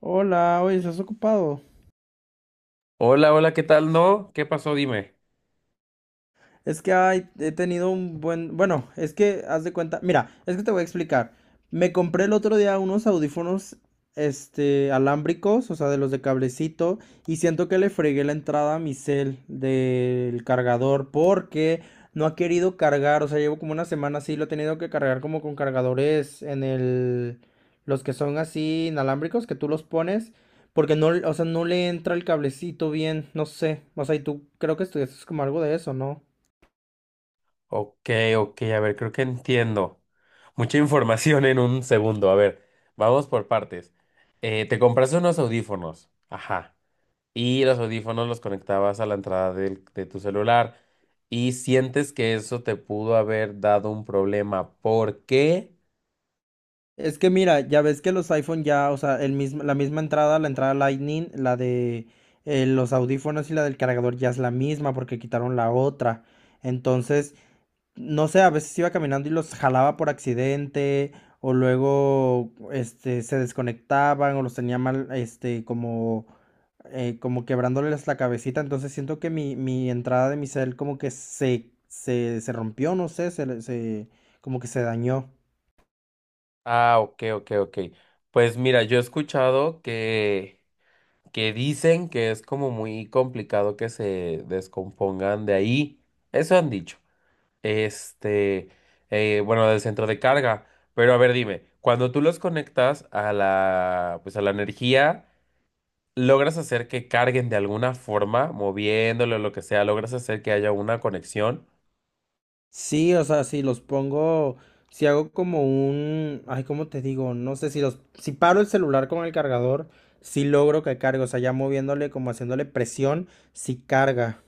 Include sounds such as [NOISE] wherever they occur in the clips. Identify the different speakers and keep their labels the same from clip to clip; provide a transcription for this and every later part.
Speaker 1: Hola, oye, ¿estás ocupado?
Speaker 2: Hola, hola, ¿qué tal? ¿No? ¿Qué pasó? Dime.
Speaker 1: Es que ay, he tenido un buen... Bueno, es que haz de cuenta... Mira, es que te voy a explicar. Me compré el otro día unos audífonos, este, alámbricos, o sea, de los de cablecito, y siento que le fregué la entrada a mi cel del cargador porque no ha querido cargar, o sea, llevo como una semana así, lo he tenido que cargar como con cargadores en el... Los que son así inalámbricos, que tú los pones, porque no, o sea, no le entra el cablecito bien, no sé. O sea, y tú creo que estudiaste como algo de eso, ¿no?
Speaker 2: Ok, ok, a ver, creo que entiendo. Mucha información en un segundo. A ver, vamos por partes. Te compraste unos audífonos. Ajá. Y los audífonos los conectabas a la entrada de tu celular. Y sientes que eso te pudo haber dado un problema. ¿Por qué?
Speaker 1: Es que mira, ya ves que los iPhone ya, o sea, el mismo, la misma entrada, la entrada Lightning, la de los audífonos y la del cargador ya es la misma porque quitaron la otra. Entonces, no sé, a veces iba caminando y los jalaba por accidente o luego este, se desconectaban o los tenía mal, este, como, como quebrándoles la cabecita. Entonces siento que mi entrada de mi cel como que se rompió, no sé, como que se dañó.
Speaker 2: Ah, ok, ok, ok. Pues mira, yo he escuchado que dicen que es como muy complicado que se descompongan de ahí. Eso han dicho. Este, bueno, del centro de carga. Pero a ver, dime, cuando tú los conectas a la, pues a la energía, ¿logras hacer que carguen de alguna forma, moviéndolo o lo que sea? ¿Logras hacer que haya una conexión?
Speaker 1: Sí, o sea, si los pongo, si hago como un, ay, ¿cómo te digo? No sé, si los, si paro el celular con el cargador, sí logro que cargue, o sea, ya moviéndole, como haciéndole presión, sí carga.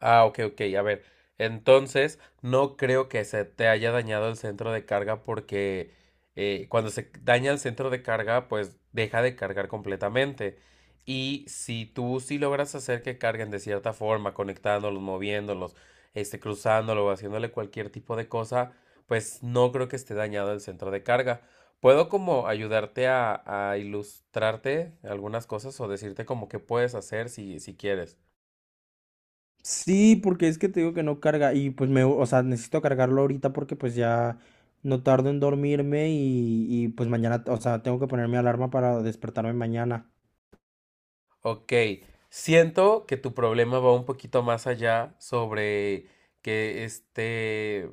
Speaker 2: Ah, ok, ok, a ver. Entonces, no creo que se te haya dañado el centro de carga porque cuando se daña el centro de carga, pues deja de cargar completamente. Y si tú sí logras hacer que carguen de cierta forma, conectándolos, moviéndolos, cruzándolo o haciéndole cualquier tipo de cosa, pues no creo que esté dañado el centro de carga. ¿Puedo como ayudarte a ilustrarte algunas cosas o decirte como qué puedes hacer si quieres?
Speaker 1: Sí, porque es que te digo que no carga y pues me, o sea, necesito cargarlo ahorita porque pues ya no tardo en dormirme y pues mañana, o sea, tengo que ponerme alarma para despertarme mañana.
Speaker 2: Ok, siento que tu problema va un poquito más allá sobre que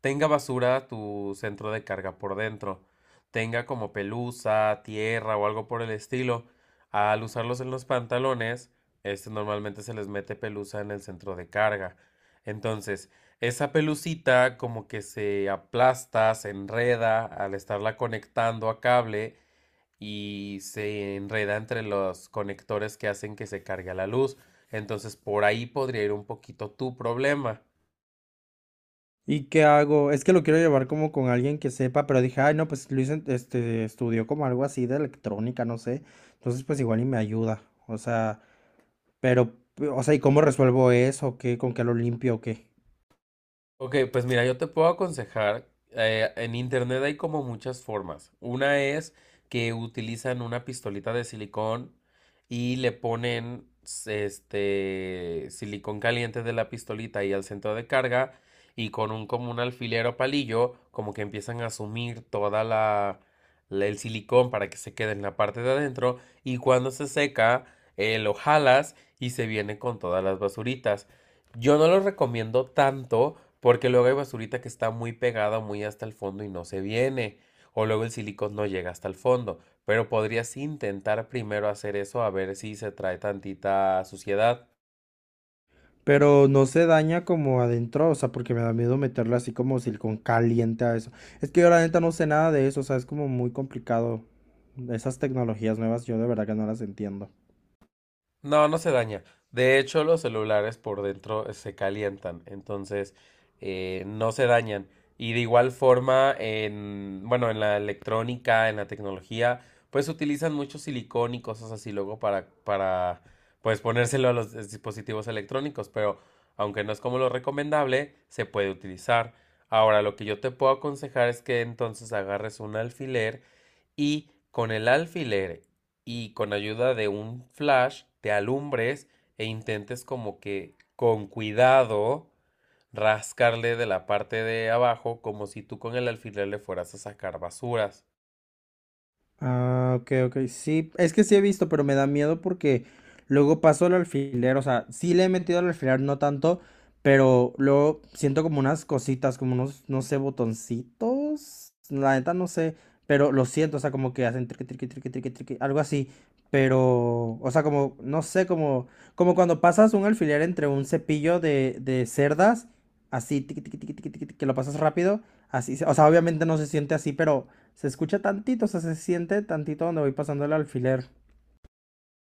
Speaker 2: tenga basura tu centro de carga por dentro, tenga como pelusa, tierra o algo por el estilo. Al usarlos en los pantalones, este normalmente se les mete pelusa en el centro de carga. Entonces, esa pelucita como que se aplasta, se enreda al estarla conectando a cable y se enreda entre los conectores que hacen que se cargue la luz. Entonces por ahí podría ir un poquito tu problema.
Speaker 1: ¿Y qué hago? Es que lo quiero llevar como con alguien que sepa, pero dije, ay, no, pues Luis este, estudió como algo así de electrónica, no sé. Entonces, pues igual y me ayuda. O sea, pero, o sea, ¿y cómo resuelvo eso? ¿Qué? ¿Con qué lo limpio o qué?
Speaker 2: Ok, pues mira, yo te puedo aconsejar, en internet hay como muchas formas. Una es que utilizan una pistolita de silicón y le ponen este silicón caliente de la pistolita y al centro de carga y con un alfiler o palillo como que empiezan a sumir el silicón para que se quede en la parte de adentro y cuando se seca lo jalas y se viene con todas las basuritas. Yo no lo recomiendo tanto porque luego hay basurita que está muy pegada, muy hasta el fondo y no se viene. O luego el silicón no llega hasta el fondo. Pero podrías intentar primero hacer eso a ver si se trae tantita suciedad.
Speaker 1: Pero no se daña como adentro, o sea, porque me da miedo meterlo así como silicón caliente a eso. Es que yo la neta no sé nada de eso, o sea, es como muy complicado. Esas tecnologías nuevas yo de verdad que no las entiendo.
Speaker 2: No, no se daña. De hecho, los celulares por dentro se calientan, entonces no se dañan. Y de igual forma, en, bueno, en la electrónica, en la tecnología, pues utilizan mucho silicón y cosas así luego para, pues ponérselo a los dispositivos electrónicos, pero aunque no es como lo recomendable, se puede utilizar. Ahora, lo que yo te puedo aconsejar es que entonces agarres un alfiler y con el alfiler y con ayuda de un flash te alumbres e intentes como que con cuidado rascarle de la parte de abajo como si tú con el alfiler le fueras a sacar basuras.
Speaker 1: Ah, ok, ok. Sí, es que sí he visto, pero me da miedo porque luego paso el alfiler. O sea, sí le he metido al alfiler, no tanto, pero luego siento como unas cositas, como unos, no sé, botoncitos. La neta no sé, pero lo siento, o sea, como que hacen triqui, triqui, triqui, triqui, triqui, algo así. Pero, o sea, como, no sé, como, como cuando pasas un alfiler entre un cepillo de cerdas, así, tiqui, tiqui, tiqui, tiqui, tiqui, que lo pasas rápido. Así, o sea, obviamente no se siente así, pero se escucha tantito, o sea, se siente tantito donde voy pasando el alfiler.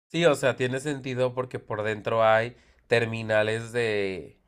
Speaker 2: Sí, o sea, tiene sentido porque por dentro hay terminales de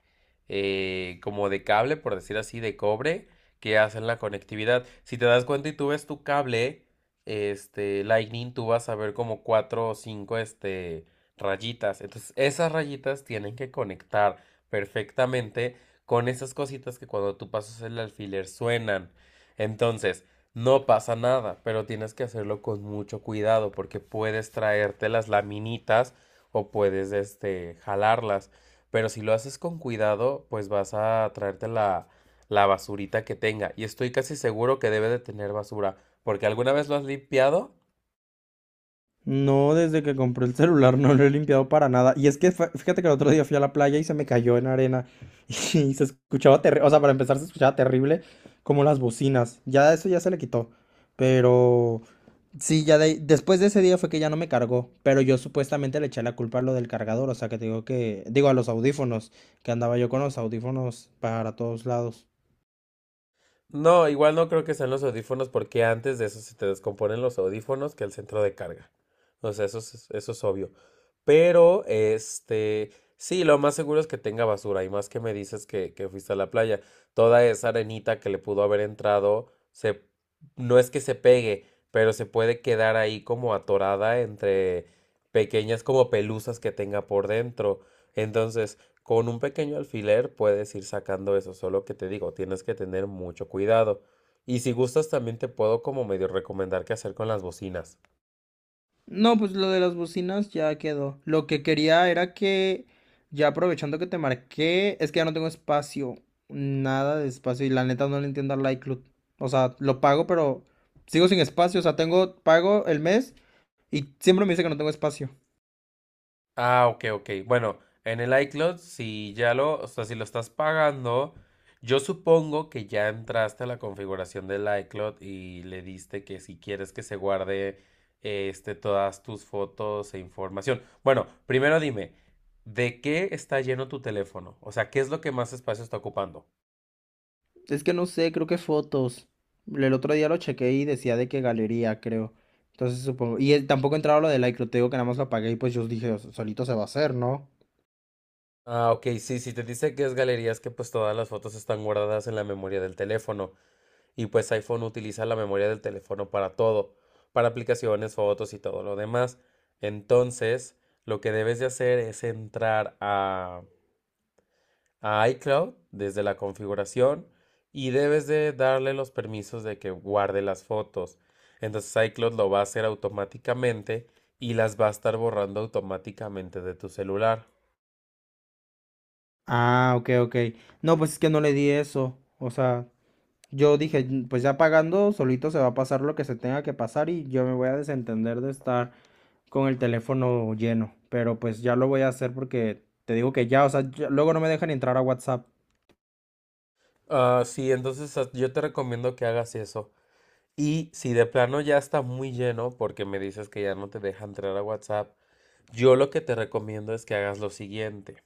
Speaker 2: como de cable, por decir así, de cobre, que hacen la conectividad. Si te das cuenta y tú ves tu cable, este, Lightning, tú vas a ver como cuatro o cinco, este, rayitas. Entonces, esas rayitas tienen que conectar perfectamente con esas cositas que cuando tú pasas el alfiler suenan. Entonces, no pasa nada, pero tienes que hacerlo con mucho cuidado porque puedes traerte las laminitas o puedes este jalarlas, pero si lo haces con cuidado, pues vas a traerte la basurita que tenga y estoy casi seguro que debe de tener basura, porque alguna vez lo has limpiado.
Speaker 1: No, desde que compré el celular no lo he limpiado para nada. Y es que fíjate que el otro día fui a la playa y se me cayó en arena. [LAUGHS] Y se escuchaba terrible. O sea, para empezar se escuchaba terrible como las bocinas. Ya eso ya se le quitó. Pero sí, ya después de ese día fue que ya no me cargó. Pero yo supuestamente le eché la culpa a lo del cargador. O sea, que te digo que. Digo, a los audífonos. Que andaba yo con los audífonos para todos lados.
Speaker 2: No, igual no creo que sean los audífonos porque antes de eso se te descomponen los audífonos que el centro de carga. O sea, eso es obvio. Pero, este, sí, lo más seguro es que tenga basura. Y más que me dices que fuiste a la playa, toda esa arenita que le pudo haber entrado, se, no es que se pegue, pero se puede quedar ahí como atorada entre pequeñas como pelusas que tenga por dentro. Entonces, con un pequeño alfiler puedes ir sacando eso, solo que te digo, tienes que tener mucho cuidado. Y si gustas, también te puedo como medio recomendar qué hacer con las bocinas.
Speaker 1: No, pues lo de las bocinas ya quedó. Lo que quería era que, ya aprovechando que te marqué, es que ya no tengo espacio, nada de espacio y la neta no le entiendo al iCloud. O sea, lo pago, pero sigo sin espacio. O sea, tengo, pago el mes y siempre me dice que no tengo espacio.
Speaker 2: Ah, ok, ok. Bueno, en el iCloud, si ya lo, o sea, si lo estás pagando, yo supongo que ya entraste a la configuración del iCloud y le diste que si quieres que se guarde todas tus fotos e información. Bueno, primero dime, ¿de qué está lleno tu teléfono? O sea, ¿qué es lo que más espacio está ocupando?
Speaker 1: Es que no sé, creo que fotos. El otro día lo chequeé y decía de que galería, creo. Entonces supongo. Y tampoco entraba lo del iCloud, te digo que nada más lo apagué y pues yo dije, "O sea, solito se va a hacer, ¿no?
Speaker 2: Ah, ok, sí, si te dice que es galerías que pues todas las fotos están guardadas en la memoria del teléfono y pues iPhone utiliza la memoria del teléfono para todo, para aplicaciones, fotos y todo lo demás. Entonces, lo que debes de hacer es entrar a iCloud desde la configuración y debes de darle los permisos de que guarde las fotos. Entonces iCloud lo va a hacer automáticamente y las va a estar borrando automáticamente de tu celular.
Speaker 1: Ah, ok, ok. No, pues es que no le di eso. O sea, yo dije, "Mm, pues ya pagando, solito se va a pasar lo que se tenga que pasar y yo me voy a desentender de estar con el teléfono lleno. Pero pues ya lo voy a hacer porque te digo que ya, o sea, luego no me dejan entrar a WhatsApp.
Speaker 2: Ah, sí, entonces yo te recomiendo que hagas eso. Y si de plano ya está muy lleno, porque me dices que ya no te deja entrar a WhatsApp, yo lo que te recomiendo es que hagas lo siguiente.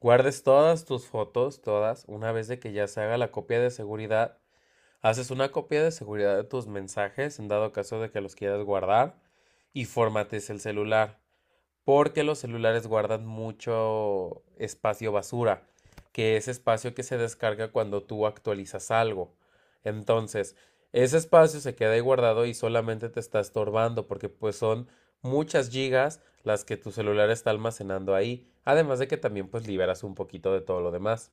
Speaker 2: Guardes todas tus fotos, todas, una vez de que ya se haga la copia de seguridad, haces una copia de seguridad de tus mensajes en dado caso de que los quieras guardar y formates el celular porque los celulares guardan mucho espacio basura, que es espacio que se descarga cuando tú actualizas algo. Entonces, ese espacio se queda ahí guardado y solamente te está estorbando porque pues son muchas gigas las que tu celular está almacenando ahí, además de que también pues liberas un poquito de todo lo demás.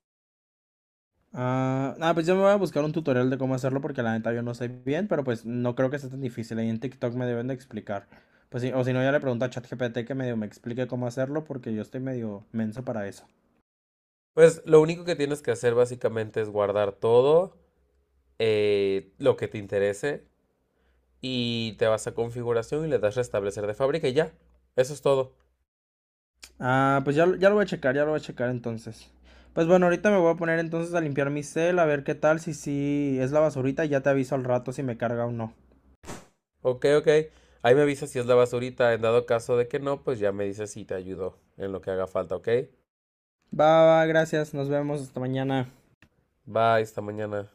Speaker 1: Ah, ah, pues yo me voy a buscar un tutorial de cómo hacerlo porque la neta yo no sé bien, pero pues no creo que sea tan difícil. Ahí en TikTok me deben de explicar. Pues sí, o si no, ya le pregunto a ChatGPT que medio me explique cómo hacerlo porque yo estoy medio menso para eso.
Speaker 2: Pues lo único que tienes que hacer básicamente es guardar todo lo que te interese y te vas a configuración y le das restablecer de fábrica y ya, eso es todo.
Speaker 1: Ah, pues ya, ya lo voy a checar, ya lo voy a checar entonces. Pues bueno, ahorita me voy a poner entonces a limpiar mi cel, a ver qué tal, si sí es la basurita, y ya te aviso al rato si me carga o no.
Speaker 2: Ok, ok. Ahí me avisa si es la basurita. En dado caso de que no, pues ya me dice si te ayudó en lo que haga falta, ¿ok?
Speaker 1: Va, va, gracias, nos vemos hasta mañana.
Speaker 2: Bye, esta mañana.